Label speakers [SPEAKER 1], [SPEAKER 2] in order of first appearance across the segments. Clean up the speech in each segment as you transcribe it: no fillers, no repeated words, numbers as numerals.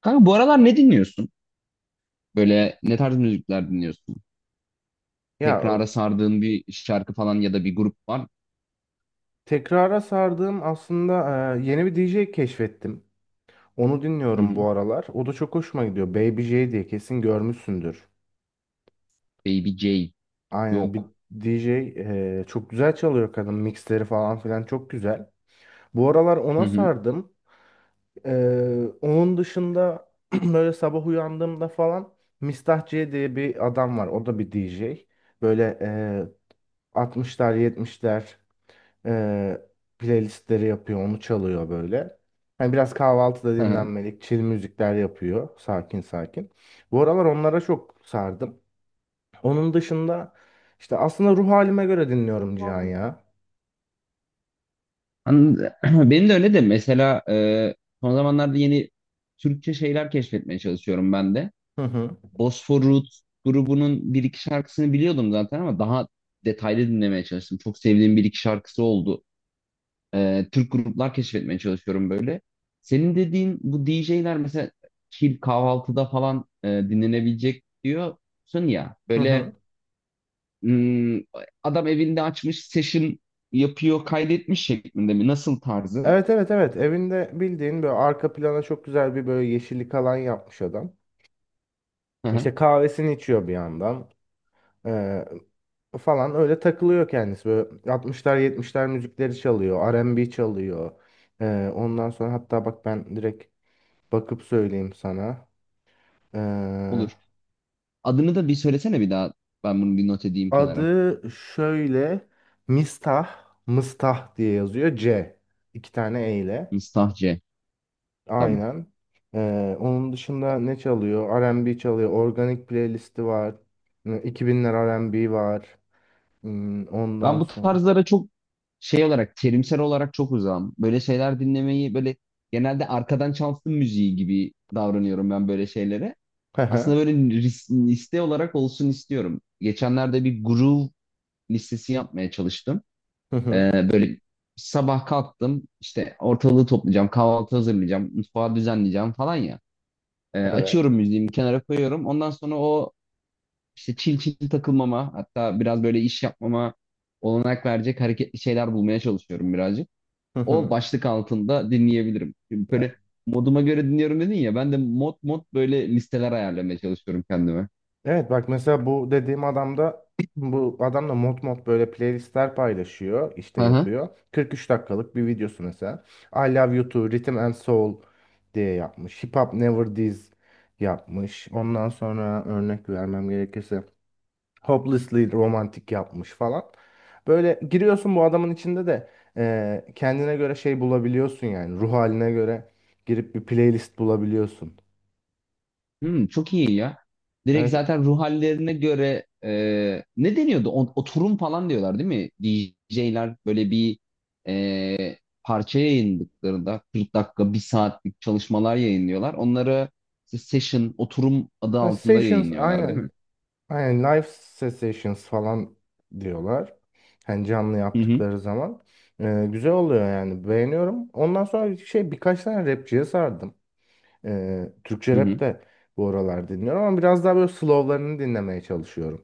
[SPEAKER 1] Kanka bu aralar ne dinliyorsun? Böyle ne tarz müzikler dinliyorsun?
[SPEAKER 2] Ya o-
[SPEAKER 1] Tekrara sardığın bir şarkı falan ya da bir grup var.
[SPEAKER 2] tekrara sardığım aslında yeni bir DJ keşfettim. Onu
[SPEAKER 1] Hı
[SPEAKER 2] dinliyorum
[SPEAKER 1] hı.
[SPEAKER 2] bu aralar. O da çok hoşuma gidiyor. Baby J diye kesin görmüşsündür.
[SPEAKER 1] Baby J
[SPEAKER 2] Aynen, bir
[SPEAKER 1] yok.
[SPEAKER 2] DJ, çok güzel çalıyor kadın. Mixleri falan filan çok güzel. Bu aralar
[SPEAKER 1] Hı
[SPEAKER 2] ona
[SPEAKER 1] hı.
[SPEAKER 2] sardım. Onun dışında böyle sabah uyandığımda falan, Mistah C diye bir adam var. O da bir DJ. Böyle 60'lar 70'ler e, playlistleri yapıyor, onu çalıyor böyle. Hani biraz kahvaltıda
[SPEAKER 1] Hı hı.
[SPEAKER 2] dinlenmelik, chill müzikler yapıyor, sakin sakin. Bu aralar onlara çok sardım. Onun dışında işte aslında ruh halime göre dinliyorum, Cihan ya.
[SPEAKER 1] Anladım. Benim de öyle de mesela son zamanlarda yeni Türkçe şeyler keşfetmeye çalışıyorum ben de.
[SPEAKER 2] Hı hı.
[SPEAKER 1] Bosfor Roots grubunun bir iki şarkısını biliyordum zaten ama daha detaylı dinlemeye çalıştım. Çok sevdiğim bir iki şarkısı oldu. Türk gruplar keşfetmeye çalışıyorum böyle. Senin dediğin bu DJ'ler mesela chill kahvaltıda falan dinlenebilecek diyorsun ya.
[SPEAKER 2] Hı
[SPEAKER 1] Böyle
[SPEAKER 2] hı.
[SPEAKER 1] hmm, adam evinde açmış session yapıyor kaydetmiş şeklinde mi? Nasıl tarzı?
[SPEAKER 2] Evet, evet, evet, evinde bildiğin böyle arka plana çok güzel bir böyle yeşillik alan yapmış adam.
[SPEAKER 1] Hı hı,
[SPEAKER 2] İşte kahvesini içiyor bir yandan. Ee, Falan öyle takılıyor kendisi. Böyle 60'lar 70'ler müzikleri çalıyor. R&B çalıyor. Ondan sonra hatta bak, ben direkt bakıp söyleyeyim sana. Ee,
[SPEAKER 1] olur. Adını da bir söylesene bir daha. Ben bunu bir not edeyim kenara.
[SPEAKER 2] Adı şöyle, Mistah, Mıstah diye yazıyor. C. İki tane E ile.
[SPEAKER 1] Mistah C. Tamam.
[SPEAKER 2] Aynen. Onun dışında ne çalıyor? R&B çalıyor. Organik playlisti var. 2000'ler R&B var. Hmm, ondan
[SPEAKER 1] Ben bu
[SPEAKER 2] sonra.
[SPEAKER 1] tarzlara çok şey olarak terimsel olarak çok uzağım. Böyle şeyler dinlemeyi böyle genelde arkadan çalsın müziği gibi davranıyorum ben böyle şeylere.
[SPEAKER 2] Hı
[SPEAKER 1] Aslında
[SPEAKER 2] hı.
[SPEAKER 1] böyle liste olarak olsun istiyorum. Geçenlerde bir groove listesi yapmaya çalıştım.
[SPEAKER 2] Hı hı.
[SPEAKER 1] Böyle sabah kalktım işte ortalığı toplayacağım, kahvaltı hazırlayacağım, mutfağı düzenleyeceğim falan ya.
[SPEAKER 2] Evet.
[SPEAKER 1] Açıyorum müziğimi kenara koyuyorum. Ondan sonra o işte çil çil takılmama hatta biraz böyle iş yapmama olanak verecek hareketli şeyler bulmaya çalışıyorum birazcık. O başlık altında dinleyebilirim. Şimdi
[SPEAKER 2] E,
[SPEAKER 1] böyle moduma göre dinliyorum dedin ya ben de mod mod böyle listeler ayarlamaya çalışıyorum kendime.
[SPEAKER 2] Evet, bak mesela bu dediğim adam da bu adam da mod mod böyle playlistler paylaşıyor, işte
[SPEAKER 1] Hı hı.
[SPEAKER 2] yapıyor. 43 dakikalık bir videosu mesela. I Love You Too, Rhythm and Soul diye yapmış. Hip Hop Never Dies yapmış. Ondan sonra örnek vermem gerekirse Hopelessly Romantic yapmış falan. Böyle giriyorsun bu adamın içinde de kendine göre şey bulabiliyorsun yani, ruh haline göre girip bir playlist bulabiliyorsun.
[SPEAKER 1] Çok iyi ya. Direkt
[SPEAKER 2] Evet.
[SPEAKER 1] zaten ruh hallerine göre ne deniyordu? Oturum falan diyorlar değil mi? DJ'ler böyle bir e, parça yayınladıklarında 40 dakika, bir saatlik çalışmalar yayınlıyorlar. Onları işte session, oturum adı
[SPEAKER 2] Ha,
[SPEAKER 1] altında
[SPEAKER 2] Sessions
[SPEAKER 1] yayınlıyorlar değil
[SPEAKER 2] aynen.
[SPEAKER 1] mi?
[SPEAKER 2] Aynen live sessions falan diyorlar. Hani canlı
[SPEAKER 1] Hı hı.
[SPEAKER 2] yaptıkları zaman. Güzel oluyor yani. Beğeniyorum. Ondan sonra şey birkaç tane rapçiye sardım. Türkçe
[SPEAKER 1] Hı
[SPEAKER 2] rap
[SPEAKER 1] hı.
[SPEAKER 2] de bu aralar dinliyorum ama biraz daha böyle slowlarını dinlemeye çalışıyorum.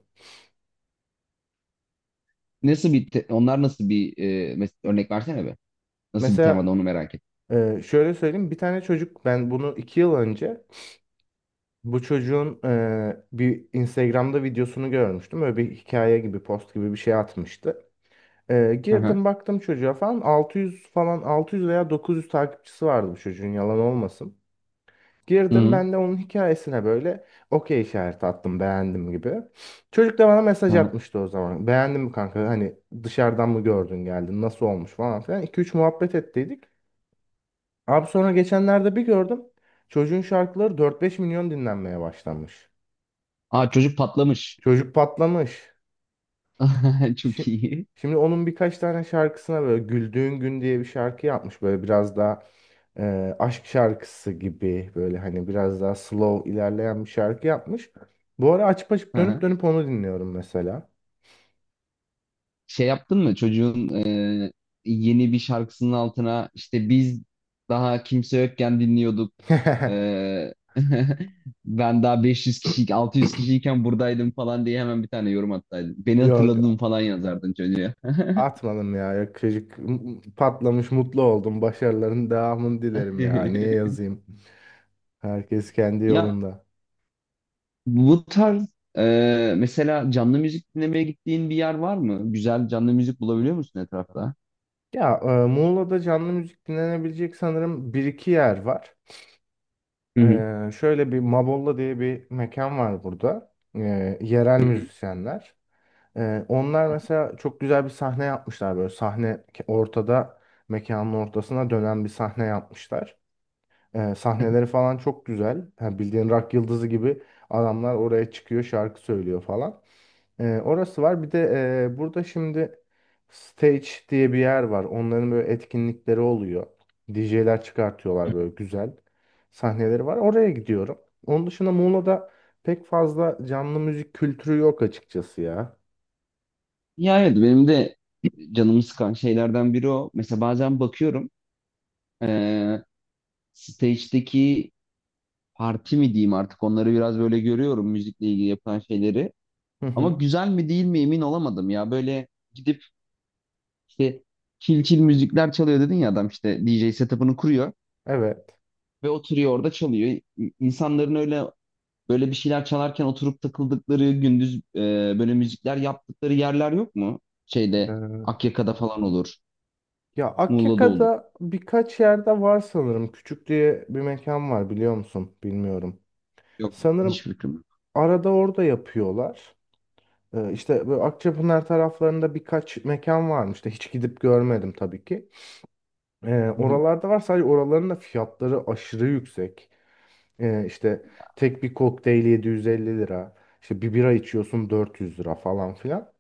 [SPEAKER 1] Onlar nasıl bir örnek versene be. Nasıl bir
[SPEAKER 2] Mesela,
[SPEAKER 1] temada onu merak ettim.
[SPEAKER 2] şöyle söyleyeyim. Bir tane çocuk, ben bunu 2 yıl önce bu çocuğun bir Instagram'da videosunu görmüştüm. Böyle bir hikaye gibi, post gibi bir şey atmıştı.
[SPEAKER 1] Hı hı.
[SPEAKER 2] Girdim baktım çocuğa falan, 600 falan, 600 veya 900 takipçisi vardı bu çocuğun, yalan olmasın.
[SPEAKER 1] Hı
[SPEAKER 2] Girdim
[SPEAKER 1] hı.
[SPEAKER 2] ben de onun hikayesine böyle okey işareti attım, beğendim gibi. Çocuk da bana
[SPEAKER 1] Hı
[SPEAKER 2] mesaj
[SPEAKER 1] hı.
[SPEAKER 2] atmıştı o zaman. Beğendin mi kanka, hani dışarıdan mı gördün geldin, nasıl olmuş falan filan. 2-3 muhabbet ettiydik. Abi sonra geçenlerde bir gördüm. Çocuğun şarkıları 4-5 milyon dinlenmeye başlamış.
[SPEAKER 1] Aa çocuk patlamış.
[SPEAKER 2] Çocuk patlamış.
[SPEAKER 1] Çok
[SPEAKER 2] Şi-
[SPEAKER 1] iyi.
[SPEAKER 2] Şimdi onun birkaç tane şarkısına böyle Güldüğün Gün diye bir şarkı yapmış. Böyle biraz daha aşk şarkısı gibi, böyle hani biraz daha slow ilerleyen bir şarkı yapmış. Bu ara açıp açıp dönüp dönüp onu dinliyorum mesela.
[SPEAKER 1] Şey yaptın mı çocuğun yeni bir şarkısının altına işte biz daha kimse yokken dinliyorduk e, ben daha 500 kişi 600 kişiyken buradaydım falan diye hemen bir tane yorum attaydın beni
[SPEAKER 2] Yok,
[SPEAKER 1] hatırladın falan yazardın çocuğa?
[SPEAKER 2] atmadım ya. Yakışık patlamış, mutlu oldum, başarıların devamını dilerim, ya niye yazayım, herkes kendi
[SPEAKER 1] Ya
[SPEAKER 2] yolunda.
[SPEAKER 1] bu tarz mesela canlı müzik dinlemeye gittiğin bir yer var mı, güzel canlı müzik bulabiliyor musun etrafta?
[SPEAKER 2] Ya, Muğla'da canlı müzik dinlenebilecek sanırım bir iki yer var.
[SPEAKER 1] Hı hı.
[SPEAKER 2] Şöyle bir Mabolla diye bir mekan var burada. Yerel müzisyenler. Onlar mesela çok güzel bir sahne yapmışlar, böyle sahne ortada, mekanın ortasına dönen bir sahne yapmışlar. Sahneleri falan çok güzel. Ha, bildiğin rock yıldızı gibi adamlar oraya çıkıyor, şarkı söylüyor falan. Orası var. Bir de burada şimdi stage diye bir yer var. Onların böyle etkinlikleri oluyor. DJ'ler çıkartıyorlar, böyle güzel sahneleri var. Oraya gidiyorum. Onun dışında Muğla'da pek fazla canlı müzik kültürü yok açıkçası ya.
[SPEAKER 1] Ya evet, benim de canımı sıkan şeylerden biri o. Mesela bazen bakıyorum e, stage'deki parti mi diyeyim artık, onları biraz böyle görüyorum müzikle ilgili yapılan şeyleri.
[SPEAKER 2] Hı
[SPEAKER 1] Ama
[SPEAKER 2] hı.
[SPEAKER 1] güzel mi değil mi emin olamadım ya. Böyle gidip işte çil çil müzikler çalıyor dedin ya, adam işte DJ setup'ını kuruyor
[SPEAKER 2] Evet.
[SPEAKER 1] ve oturuyor orada çalıyor. İnsanların öyle böyle bir şeyler çalarken oturup takıldıkları gündüz böyle müzikler yaptıkları yerler yok mu? Şeyde
[SPEAKER 2] Ee,
[SPEAKER 1] Akyaka'da falan olur.
[SPEAKER 2] Ya,
[SPEAKER 1] Muğla'da olur.
[SPEAKER 2] Akyaka'da birkaç yerde var sanırım. Küçük diye bir mekan var, biliyor musun? Bilmiyorum.
[SPEAKER 1] Yok,
[SPEAKER 2] Sanırım
[SPEAKER 1] hiçbir fikrim yok.
[SPEAKER 2] arada orada yapıyorlar. İşte böyle Akçapınar taraflarında birkaç mekan varmış da hiç gidip görmedim tabii ki.
[SPEAKER 1] Hı hı.
[SPEAKER 2] Oralarda var, sadece oraların da fiyatları aşırı yüksek. İşte tek bir kokteyl 750 lira. İşte bir bira içiyorsun 400 lira falan filan.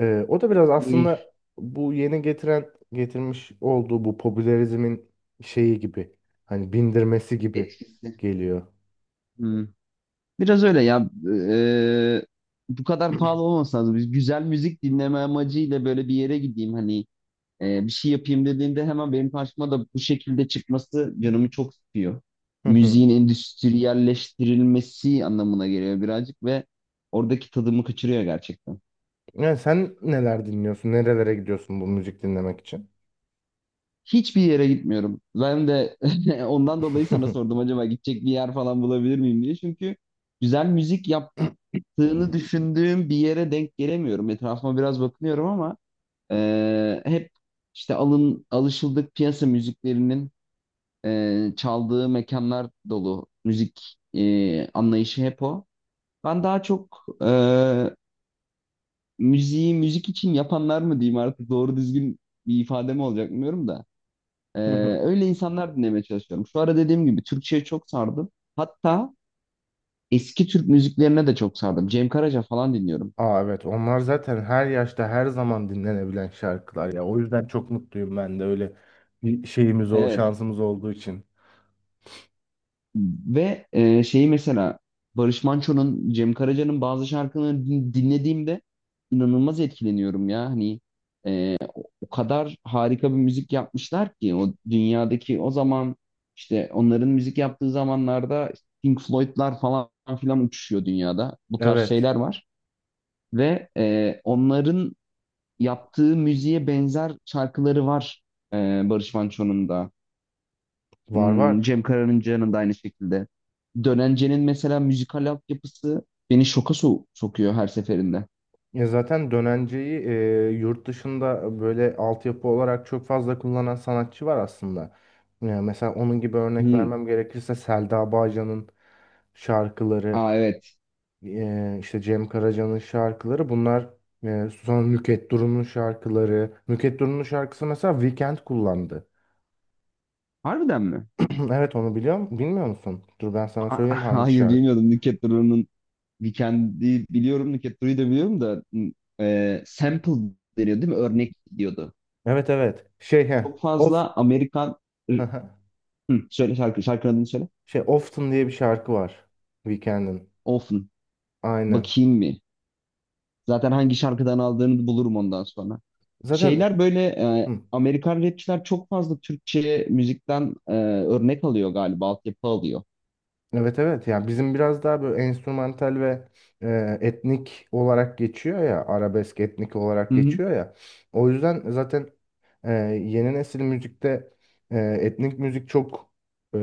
[SPEAKER 2] O da biraz
[SPEAKER 1] İyi,
[SPEAKER 2] aslında bu yeni getirmiş olduğu bu popülerizmin şeyi gibi, hani bindirmesi gibi
[SPEAKER 1] Etkisi.
[SPEAKER 2] geliyor.
[SPEAKER 1] Biraz öyle ya. Bu kadar pahalı olması lazım. Biz güzel müzik dinleme amacıyla böyle bir yere gideyim hani bir şey yapayım dediğinde hemen benim karşıma da bu şekilde çıkması canımı çok sıkıyor.
[SPEAKER 2] Hı hı.
[SPEAKER 1] Müziğin endüstriyelleştirilmesi anlamına geliyor birazcık ve oradaki tadımı kaçırıyor gerçekten.
[SPEAKER 2] Yani sen neler dinliyorsun? Nerelere gidiyorsun bu müzik dinlemek için?
[SPEAKER 1] Hiçbir yere gitmiyorum. Ben de ondan dolayı sana sordum acaba gidecek bir yer falan bulabilir miyim diye. Çünkü güzel müzik yaptığını düşündüğüm bir yere denk gelemiyorum. Etrafıma biraz bakınıyorum ama hep işte alın alışıldık piyasa müziklerinin çaldığı mekanlar dolu, müzik anlayışı hep o. Ben daha çok müziği müzik için yapanlar mı diyeyim artık, doğru düzgün bir ifade mi olacak bilmiyorum da. E,
[SPEAKER 2] Hı hı.
[SPEAKER 1] Öyle insanlar dinlemeye çalışıyorum. Şu ara dediğim gibi Türkçe'ye çok sardım. Hatta eski Türk müziklerine de çok sardım. Cem Karaca falan dinliyorum.
[SPEAKER 2] Aa, evet, onlar zaten her yaşta her zaman dinlenebilen şarkılar ya. O yüzden çok mutluyum, ben de öyle bir şeyimiz, o
[SPEAKER 1] Evet.
[SPEAKER 2] şansımız olduğu için.
[SPEAKER 1] Ve şeyi mesela Barış Manço'nun, Cem Karaca'nın bazı şarkılarını dinlediğimde inanılmaz etkileniyorum ya. Hani o kadar harika bir müzik yapmışlar ki o dünyadaki, o zaman işte onların müzik yaptığı zamanlarda Pink Floyd'lar falan filan uçuşuyor dünyada. Bu tarz
[SPEAKER 2] Evet,
[SPEAKER 1] şeyler var ve onların yaptığı müziğe benzer şarkıları var e, Barış Manço'nun da.
[SPEAKER 2] var var.
[SPEAKER 1] Cem Karaca'nın da aynı şekilde. Dönence'nin mesela müzikal altyapısı beni şoka sokuyor her seferinde.
[SPEAKER 2] Ya zaten dönenceyi yurt dışında böyle altyapı olarak çok fazla kullanan sanatçı var aslında. Ya mesela onun gibi örnek
[SPEAKER 1] Hmm.
[SPEAKER 2] vermem gerekirse Selda Bağcan'ın şarkıları,
[SPEAKER 1] Aa evet.
[SPEAKER 2] işte Cem Karaca'nın şarkıları, bunlar sonra Nükhet Duru'nun şarkıları. Nükhet Duru'nun şarkısı mesela Weekend kullandı.
[SPEAKER 1] Harbiden mi?
[SPEAKER 2] Evet, onu biliyorum. Bilmiyor musun? Dur ben sana
[SPEAKER 1] Aa,
[SPEAKER 2] söyleyeyim hangi
[SPEAKER 1] hayır
[SPEAKER 2] şarkı.
[SPEAKER 1] bilmiyordum. Nükhet Duru'nun Weekend'i biliyorum, Nükhet Duru'yu da biliyorum da sample deniyor değil mi? Örnek diyordu.
[SPEAKER 2] Evet evet. Şey he.
[SPEAKER 1] Çok
[SPEAKER 2] Of
[SPEAKER 1] fazla Amerikan... Hı, söyle şarkı, şarkının adını söyle.
[SPEAKER 2] şey Often diye bir şarkı var. Weekend'in.
[SPEAKER 1] Often.
[SPEAKER 2] Aynen.
[SPEAKER 1] Bakayım mı? Zaten hangi şarkıdan aldığını bulurum ondan sonra.
[SPEAKER 2] Zaten
[SPEAKER 1] Şeyler böyle
[SPEAKER 2] hı,
[SPEAKER 1] Amerikan rapçiler çok fazla Türkçe müzikten örnek alıyor galiba, altyapı alıyor.
[SPEAKER 2] evet evet, yani bizim biraz daha böyle enstrümantal ve etnik olarak geçiyor ya, arabesk etnik olarak
[SPEAKER 1] Hı hı,
[SPEAKER 2] geçiyor ya, o yüzden zaten e, yeni nesil müzikte etnik müzik çok e,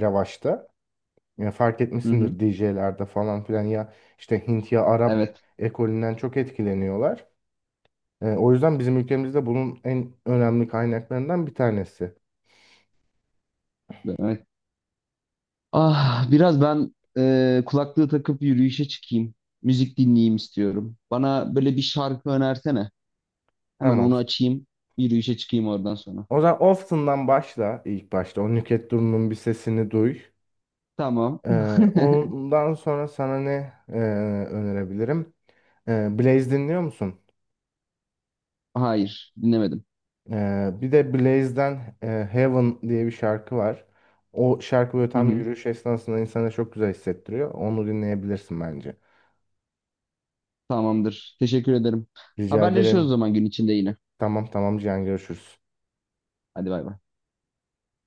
[SPEAKER 2] revaçta. Ya fark
[SPEAKER 1] hı hı.
[SPEAKER 2] etmişsindir, DJ'lerde falan filan ya, işte Hint ya Arap
[SPEAKER 1] Evet,
[SPEAKER 2] ekolünden çok etkileniyorlar. O yüzden bizim ülkemizde bunun en önemli kaynaklarından bir tanesi.
[SPEAKER 1] evet. Ah, biraz ben kulaklığı takıp yürüyüşe çıkayım. Müzik dinleyeyim istiyorum. Bana böyle bir şarkı önersene. Hemen
[SPEAKER 2] Tamam.
[SPEAKER 1] onu açayım, yürüyüşe çıkayım oradan sonra.
[SPEAKER 2] O zaman Often'dan başla ilk başta. O Nükhet Duru'nun bir sesini duy.
[SPEAKER 1] Tamam.
[SPEAKER 2] Ondan sonra sana ne önerebilirim? Blaze dinliyor musun?
[SPEAKER 1] Hayır, dinlemedim.
[SPEAKER 2] Bir de Blaze'den Heaven diye bir şarkı var. O şarkı böyle
[SPEAKER 1] Hı
[SPEAKER 2] tam
[SPEAKER 1] hı.
[SPEAKER 2] yürüyüş esnasında insana çok güzel hissettiriyor. Onu dinleyebilirsin bence.
[SPEAKER 1] Tamamdır. Teşekkür ederim.
[SPEAKER 2] Rica
[SPEAKER 1] Haberleşiyoruz o
[SPEAKER 2] ederim.
[SPEAKER 1] zaman gün içinde yine.
[SPEAKER 2] Tamam, tamam, Cihan, görüşürüz.
[SPEAKER 1] Hadi bay bay.